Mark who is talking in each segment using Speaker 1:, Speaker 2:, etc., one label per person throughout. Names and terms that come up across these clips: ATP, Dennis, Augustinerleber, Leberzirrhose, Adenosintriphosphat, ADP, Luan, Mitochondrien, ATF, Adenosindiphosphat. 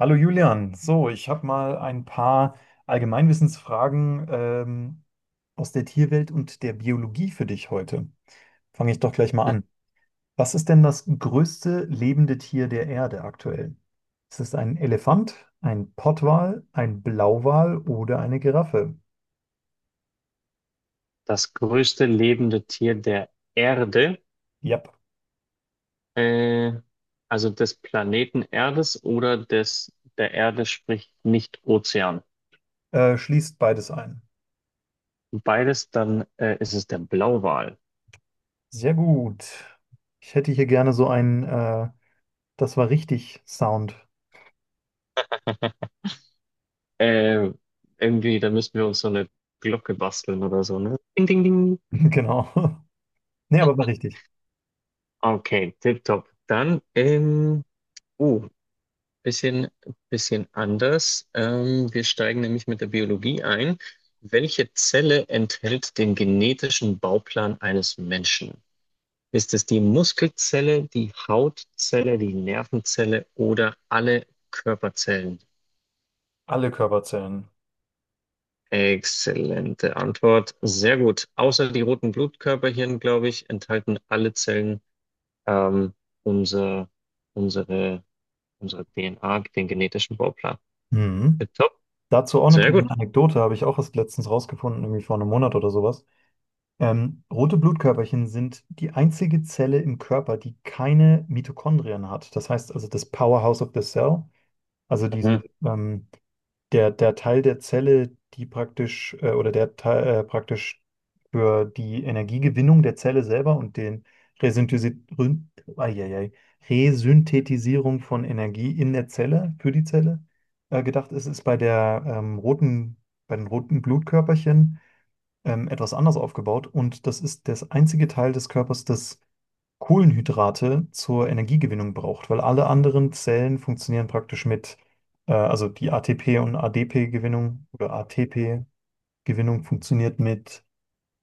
Speaker 1: Hallo Julian, so, ich habe mal ein paar Allgemeinwissensfragen aus der Tierwelt und der Biologie für dich heute. Fange ich doch gleich mal an. Was ist denn das größte lebende Tier der Erde aktuell? Ist es ein Elefant, ein Pottwal, ein Blauwal oder eine Giraffe?
Speaker 2: Das größte lebende Tier der Erde,
Speaker 1: Yep,
Speaker 2: äh, also des Planeten Erdes oder des der Erde, sprich nicht Ozean.
Speaker 1: schließt beides ein.
Speaker 2: Beides, dann ist es der Blauwal.
Speaker 1: Sehr gut. Ich hätte hier gerne so das war richtig Sound.
Speaker 2: Äh, irgendwie, da müssten wir uns so eine Glocke basteln oder so, ne? Ding, ding, ding.
Speaker 1: Genau. Nee, aber war richtig.
Speaker 2: Okay, tipptopp. Dann, uh, bisschen, bisschen anders. Wir steigen nämlich mit der Biologie ein. Welche Zelle enthält den genetischen Bauplan eines Menschen? Ist es die Muskelzelle, die Hautzelle, die Nervenzelle oder alle Körperzellen?
Speaker 1: Alle Körperzellen.
Speaker 2: Exzellente Antwort. Sehr gut. Außer die roten Blutkörperchen, glaube ich, enthalten alle Zellen ähm, unser, unsere, unsere DNA, den genetischen Bauplan.
Speaker 1: Mhm.
Speaker 2: Top.
Speaker 1: Dazu auch eine
Speaker 2: Sehr
Speaker 1: kleine
Speaker 2: gut.
Speaker 1: Anekdote, habe ich auch erst letztens rausgefunden, irgendwie vor einem Monat oder sowas. Rote Blutkörperchen sind die einzige Zelle im Körper, die keine Mitochondrien hat. Das heißt also das Powerhouse of the Cell, also
Speaker 2: Mhm.
Speaker 1: diese ähm, der Teil der Zelle, die oder der praktisch für die Energiegewinnung der Zelle selber und den Resynthesi Rün- Eieiei. Resynthetisierung von Energie in der Zelle, für die Zelle, gedacht ist, ist bei den roten Blutkörperchen etwas anders aufgebaut, und das ist das einzige Teil des Körpers, das Kohlenhydrate zur Energiegewinnung braucht, weil alle anderen Zellen funktionieren praktisch mit, also die ATP- und ADP-Gewinnung oder ATP-Gewinnung funktioniert mit,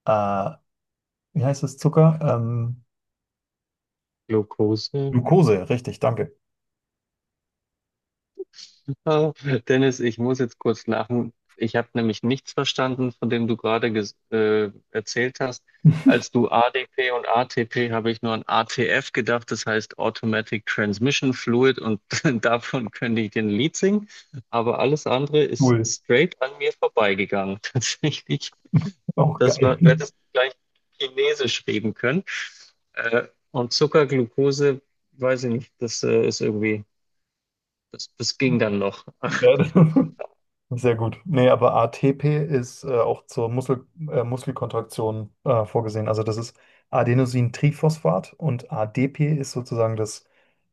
Speaker 1: äh, wie heißt das, Zucker?
Speaker 2: Glucose.
Speaker 1: Glucose, richtig, danke.
Speaker 2: Oh, Dennis, ich muss jetzt kurz lachen. Ich habe nämlich nichts verstanden, von dem du gerade erzählt hast. Als du ADP und ATP habe ich nur an ATF gedacht, das heißt Automatic Transmission Fluid und davon könnte ich den Lied singen. Aber alles andere ist
Speaker 1: Cool,
Speaker 2: straight an mir vorbeigegangen. Tatsächlich,
Speaker 1: auch
Speaker 2: das war, du
Speaker 1: geil.
Speaker 2: hättest gleich Chinesisch reden können. Und Zucker, Glucose, weiß ich nicht, das ist irgendwie, das ging dann noch.
Speaker 1: Ja. Sehr gut. Nee, aber ATP ist auch zur Muskelkontraktion vorgesehen. Also das ist Adenosintriphosphat, und ADP ist sozusagen das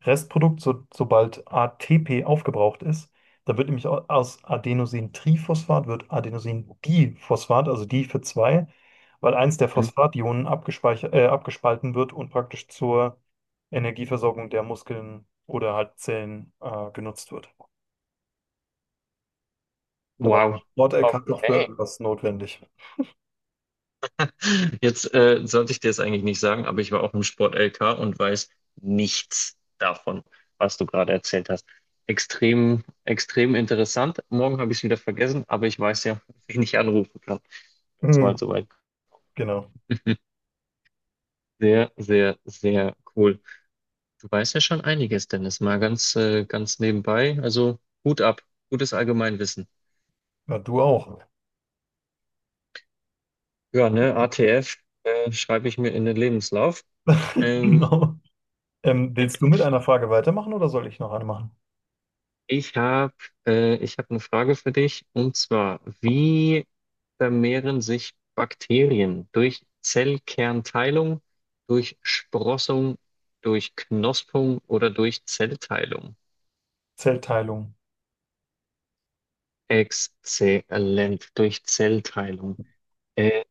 Speaker 1: Restprodukt, so, sobald ATP aufgebraucht ist. Da wird nämlich aus Adenosintriphosphat wird Adenosindiphosphat, also die für zwei, weil eins der Phosphationen abgespalten wird und praktisch zur Energieversorgung der Muskeln oder halt Zellen genutzt wird. Da war der
Speaker 2: Wow.
Speaker 1: Sport-LK noch für
Speaker 2: Okay.
Speaker 1: irgendwas notwendig.
Speaker 2: Jetzt sollte ich dir das eigentlich nicht sagen, aber ich war auch im Sport LK und weiß nichts davon, was du gerade erzählt hast. Extrem, extrem interessant. Morgen habe ich es wieder vergessen, aber ich weiß ja, wen ich anrufen kann, wenn es
Speaker 1: Hm.
Speaker 2: mal soweit
Speaker 1: Genau.
Speaker 2: kommt. Sehr, sehr, sehr cool. Du weißt ja schon einiges, Dennis, mal ganz, ganz nebenbei. Also Hut ab, gutes Allgemeinwissen.
Speaker 1: Ja, du auch.
Speaker 2: Ja, ne, ATF schreibe ich mir in den Lebenslauf. Ähm,
Speaker 1: Genau. Willst du mit einer Frage weitermachen oder soll ich noch eine machen?
Speaker 2: Ich habe ich hab eine Frage für dich und zwar, wie vermehren sich Bakterien durch Zellkernteilung, durch Sprossung, durch Knospung oder durch Zellteilung?
Speaker 1: Zellteilung.
Speaker 2: Exzellent, durch Zellteilung. Äh,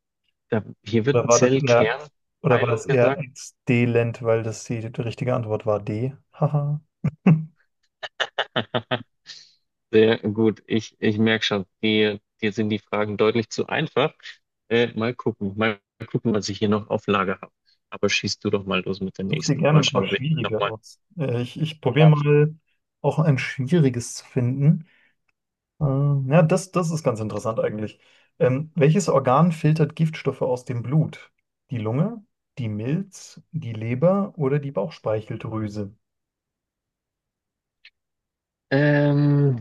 Speaker 2: Da, hier wird
Speaker 1: Oder war oder war
Speaker 2: Zellkernteilung
Speaker 1: das eher
Speaker 2: gesagt.
Speaker 1: exdelent, weil das die richtige Antwort war D? Haha.
Speaker 2: Sehr gut. Ich merke schon, dir sind die Fragen deutlich zu einfach. Mal gucken, was ich hier noch auf Lager habe. Aber schießt du doch mal los mit der
Speaker 1: Such dir
Speaker 2: nächsten.
Speaker 1: gerne
Speaker 2: Mal
Speaker 1: ein
Speaker 2: schauen,
Speaker 1: paar
Speaker 2: ob ich mich
Speaker 1: schwierige
Speaker 2: nochmal
Speaker 1: aus. Ich probiere
Speaker 2: bedarf.
Speaker 1: mal auch ein schwieriges zu finden. Ja, das ist ganz interessant eigentlich. Welches Organ filtert Giftstoffe aus dem Blut? Die Lunge, die Milz, die Leber oder die Bauchspeicheldrüse?
Speaker 2: Ähm,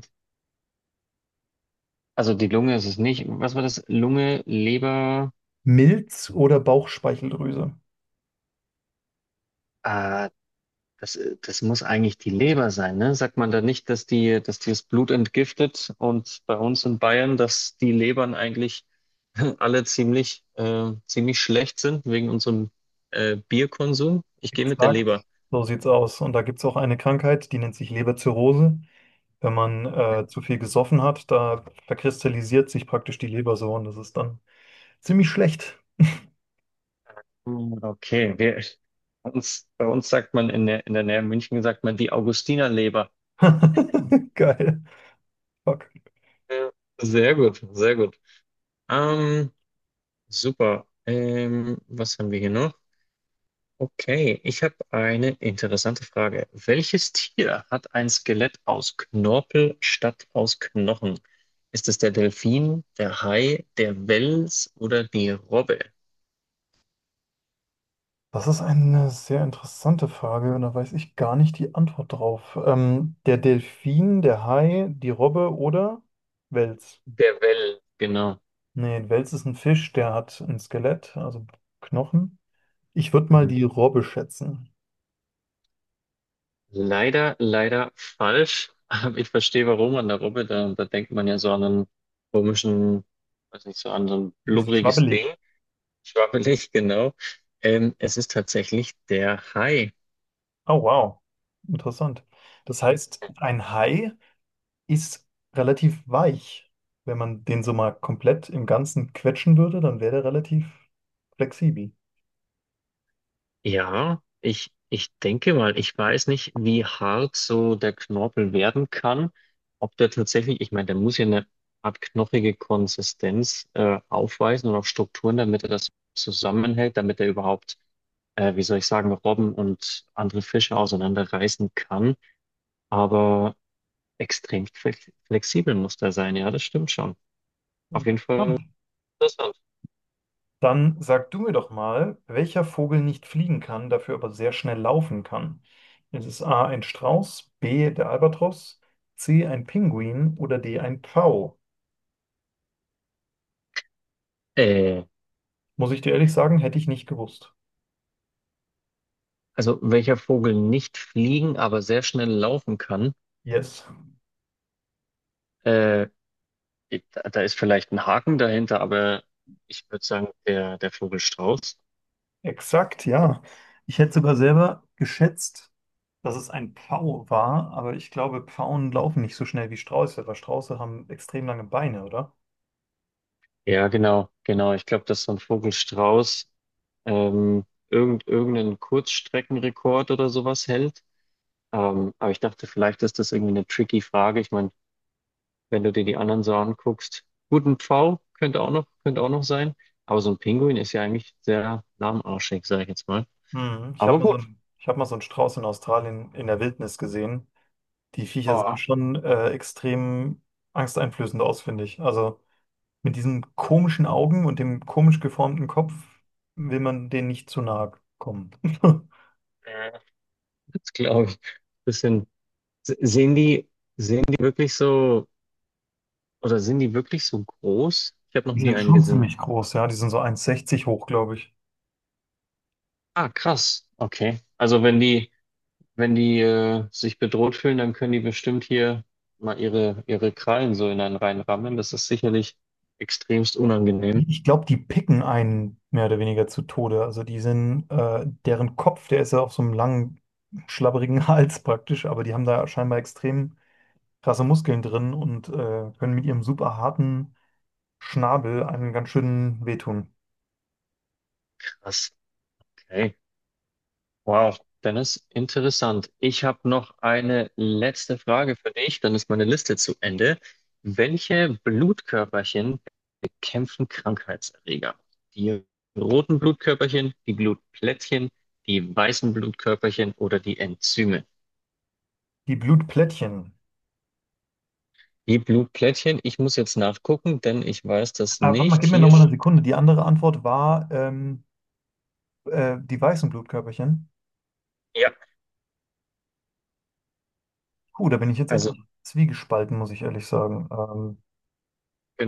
Speaker 2: also die Lunge ist es nicht. Was war das? Lunge, Leber.
Speaker 1: Milz oder Bauchspeicheldrüse?
Speaker 2: Äh, Das, das muss eigentlich die Leber sein, ne? Sagt man da nicht, dass die das Blut entgiftet und bei uns in Bayern, dass die Lebern eigentlich alle ziemlich, ziemlich schlecht sind wegen unserem Bierkonsum? Ich gehe mit der
Speaker 1: Exakt,
Speaker 2: Leber.
Speaker 1: so sieht's aus. Und da gibt es auch eine Krankheit, die nennt sich Leberzirrhose. Wenn man zu viel gesoffen hat, da verkristallisiert sich praktisch die Leber so, und das ist dann ziemlich schlecht.
Speaker 2: Hm, okay, bei uns sagt man in der Nähe München sagt man die Augustinerleber.
Speaker 1: Geil. Fuck.
Speaker 2: Ja. Sehr gut, sehr gut. Ähm, super. Was haben wir hier noch? Okay, ich habe eine interessante Frage. Welches Tier hat ein Skelett aus Knorpel statt aus Knochen? Ist es der Delfin, der Hai, der Wels oder die Robbe?
Speaker 1: Das ist eine sehr interessante Frage, und da weiß ich gar nicht die Antwort drauf. Der Delfin, der Hai, die Robbe oder Wels?
Speaker 2: Der Well, genau.
Speaker 1: Nee, ein Wels ist ein Fisch, der hat ein Skelett, also Knochen. Ich würde mal
Speaker 2: Mhm.
Speaker 1: die Robbe schätzen.
Speaker 2: Leider, leider falsch. Aber ich verstehe, warum an der Robbe. Da denkt man ja so an einen komischen, weiß nicht, so an so ein
Speaker 1: Ein bisschen
Speaker 2: blubberiges Ding.
Speaker 1: schwabbelig.
Speaker 2: Schwabbelig, genau. Es ist tatsächlich der Hai.
Speaker 1: Oh, wow. Interessant. Das heißt, ein Hai ist relativ weich. Wenn man den so mal komplett im Ganzen quetschen würde, dann wäre der relativ flexibel.
Speaker 2: Ja, ich denke mal, ich weiß nicht, wie hart so der Knorpel werden kann. Ob der tatsächlich, ich meine, der muss ja eine Art knochige Konsistenz aufweisen und auch Strukturen, damit er das zusammenhält, damit er überhaupt, wie soll ich sagen, Robben und andere Fische auseinanderreißen kann. Aber extrem flexibel muss der sein, ja, das stimmt schon. Auf jeden Fall
Speaker 1: Interessant.
Speaker 2: interessant.
Speaker 1: Dann sag du mir doch mal, welcher Vogel nicht fliegen kann, dafür aber sehr schnell laufen kann. Ist es A ein Strauß, B der Albatros, C ein Pinguin oder D ein Pfau?
Speaker 2: Äh,
Speaker 1: Muss ich dir ehrlich sagen, hätte ich nicht gewusst.
Speaker 2: also welcher Vogel nicht fliegen, aber sehr schnell laufen kann.
Speaker 1: Yes,
Speaker 2: Äh, da ist vielleicht ein Haken dahinter, aber ich würde sagen, der Vogelstrauß.
Speaker 1: exakt, ja. Ich hätte sogar selber geschätzt, dass es ein Pfau war, aber ich glaube, Pfauen laufen nicht so schnell wie Strauße, weil Strauße haben extrem lange Beine, oder?
Speaker 2: Ja, genau, genau. Ich glaube, dass so ein Vogelstrauß ähm, irgendeinen Kurzstreckenrekord oder sowas hält. Aber ich dachte, vielleicht ist das irgendwie eine tricky Frage. Ich meine, wenn du dir die anderen so anguckst, gut, ein Pfau könnte auch könnte auch noch sein. Aber so ein Pinguin ist ja eigentlich sehr lahmarschig, sage ich jetzt mal.
Speaker 1: Hm, ich habe
Speaker 2: Aber
Speaker 1: mal so
Speaker 2: gut,
Speaker 1: ich hab mal so einen Strauß in Australien in der Wildnis gesehen. Die Viecher sehen
Speaker 2: boah,
Speaker 1: schon extrem angsteinflößend aus, finde ich. Also mit diesen komischen Augen und dem komisch geformten Kopf will man denen nicht zu nahe kommen.
Speaker 2: äh, das glaube ich. Bisschen, sehen die, die wirklich so. Oder sind die wirklich so groß? Ich habe noch
Speaker 1: Die
Speaker 2: nie
Speaker 1: sind
Speaker 2: einen
Speaker 1: schon
Speaker 2: gesehen.
Speaker 1: ziemlich groß, ja. Die sind so eins Komma sechzig hoch, glaube ich.
Speaker 2: Ah, krass. Okay. Also wenn die, wenn die sich bedroht fühlen, dann können die bestimmt hier mal ihre Krallen so in einen reinrammen. Das ist sicherlich extremst unangenehm.
Speaker 1: Ich glaube, die picken einen mehr oder weniger zu Tode. Also deren Kopf, der ist ja auf so einem langen, schlabberigen Hals praktisch, aber die haben da scheinbar extrem krasse Muskeln drin und können mit ihrem super harten Schnabel einen ganz schönen wehtun.
Speaker 2: Krass. Okay. Wow, Dennis, interessant. Ich habe noch eine letzte Frage für dich, dann ist meine Liste zu Ende. Welche Blutkörperchen bekämpfen Krankheitserreger? Die roten Blutkörperchen, die Blutplättchen, die weißen Blutkörperchen oder die Enzyme?
Speaker 1: Die Blutplättchen.
Speaker 2: Die Blutplättchen, ich muss jetzt nachgucken, denn ich weiß das
Speaker 1: Aber warte mal,
Speaker 2: nicht.
Speaker 1: gib mir nochmal eine Sekunde. Die andere Antwort war die weißen Blutkörperchen.
Speaker 2: Ja,
Speaker 1: Puh, da bin ich jetzt etwas
Speaker 2: also
Speaker 1: zwiegespalten, muss ich ehrlich sagen.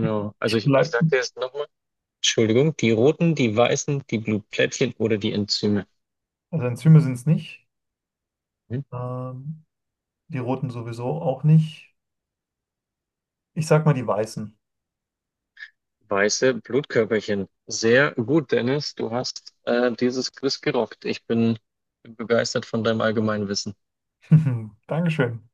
Speaker 1: ich ich
Speaker 2: ich
Speaker 1: bleib,
Speaker 2: sage dir jetzt nochmal, Entschuldigung, die roten, die weißen, die Blutplättchen oder die Enzyme.
Speaker 1: also Enzyme sind es nicht.
Speaker 2: Hm?
Speaker 1: Ähm, Die roten sowieso auch nicht. Ich sag mal die weißen.
Speaker 2: Weiße Blutkörperchen. Sehr gut, Dennis. Du hast dieses Quiz gerockt. Bin begeistert von deinem allgemeinen Wissen.
Speaker 1: Dankeschön.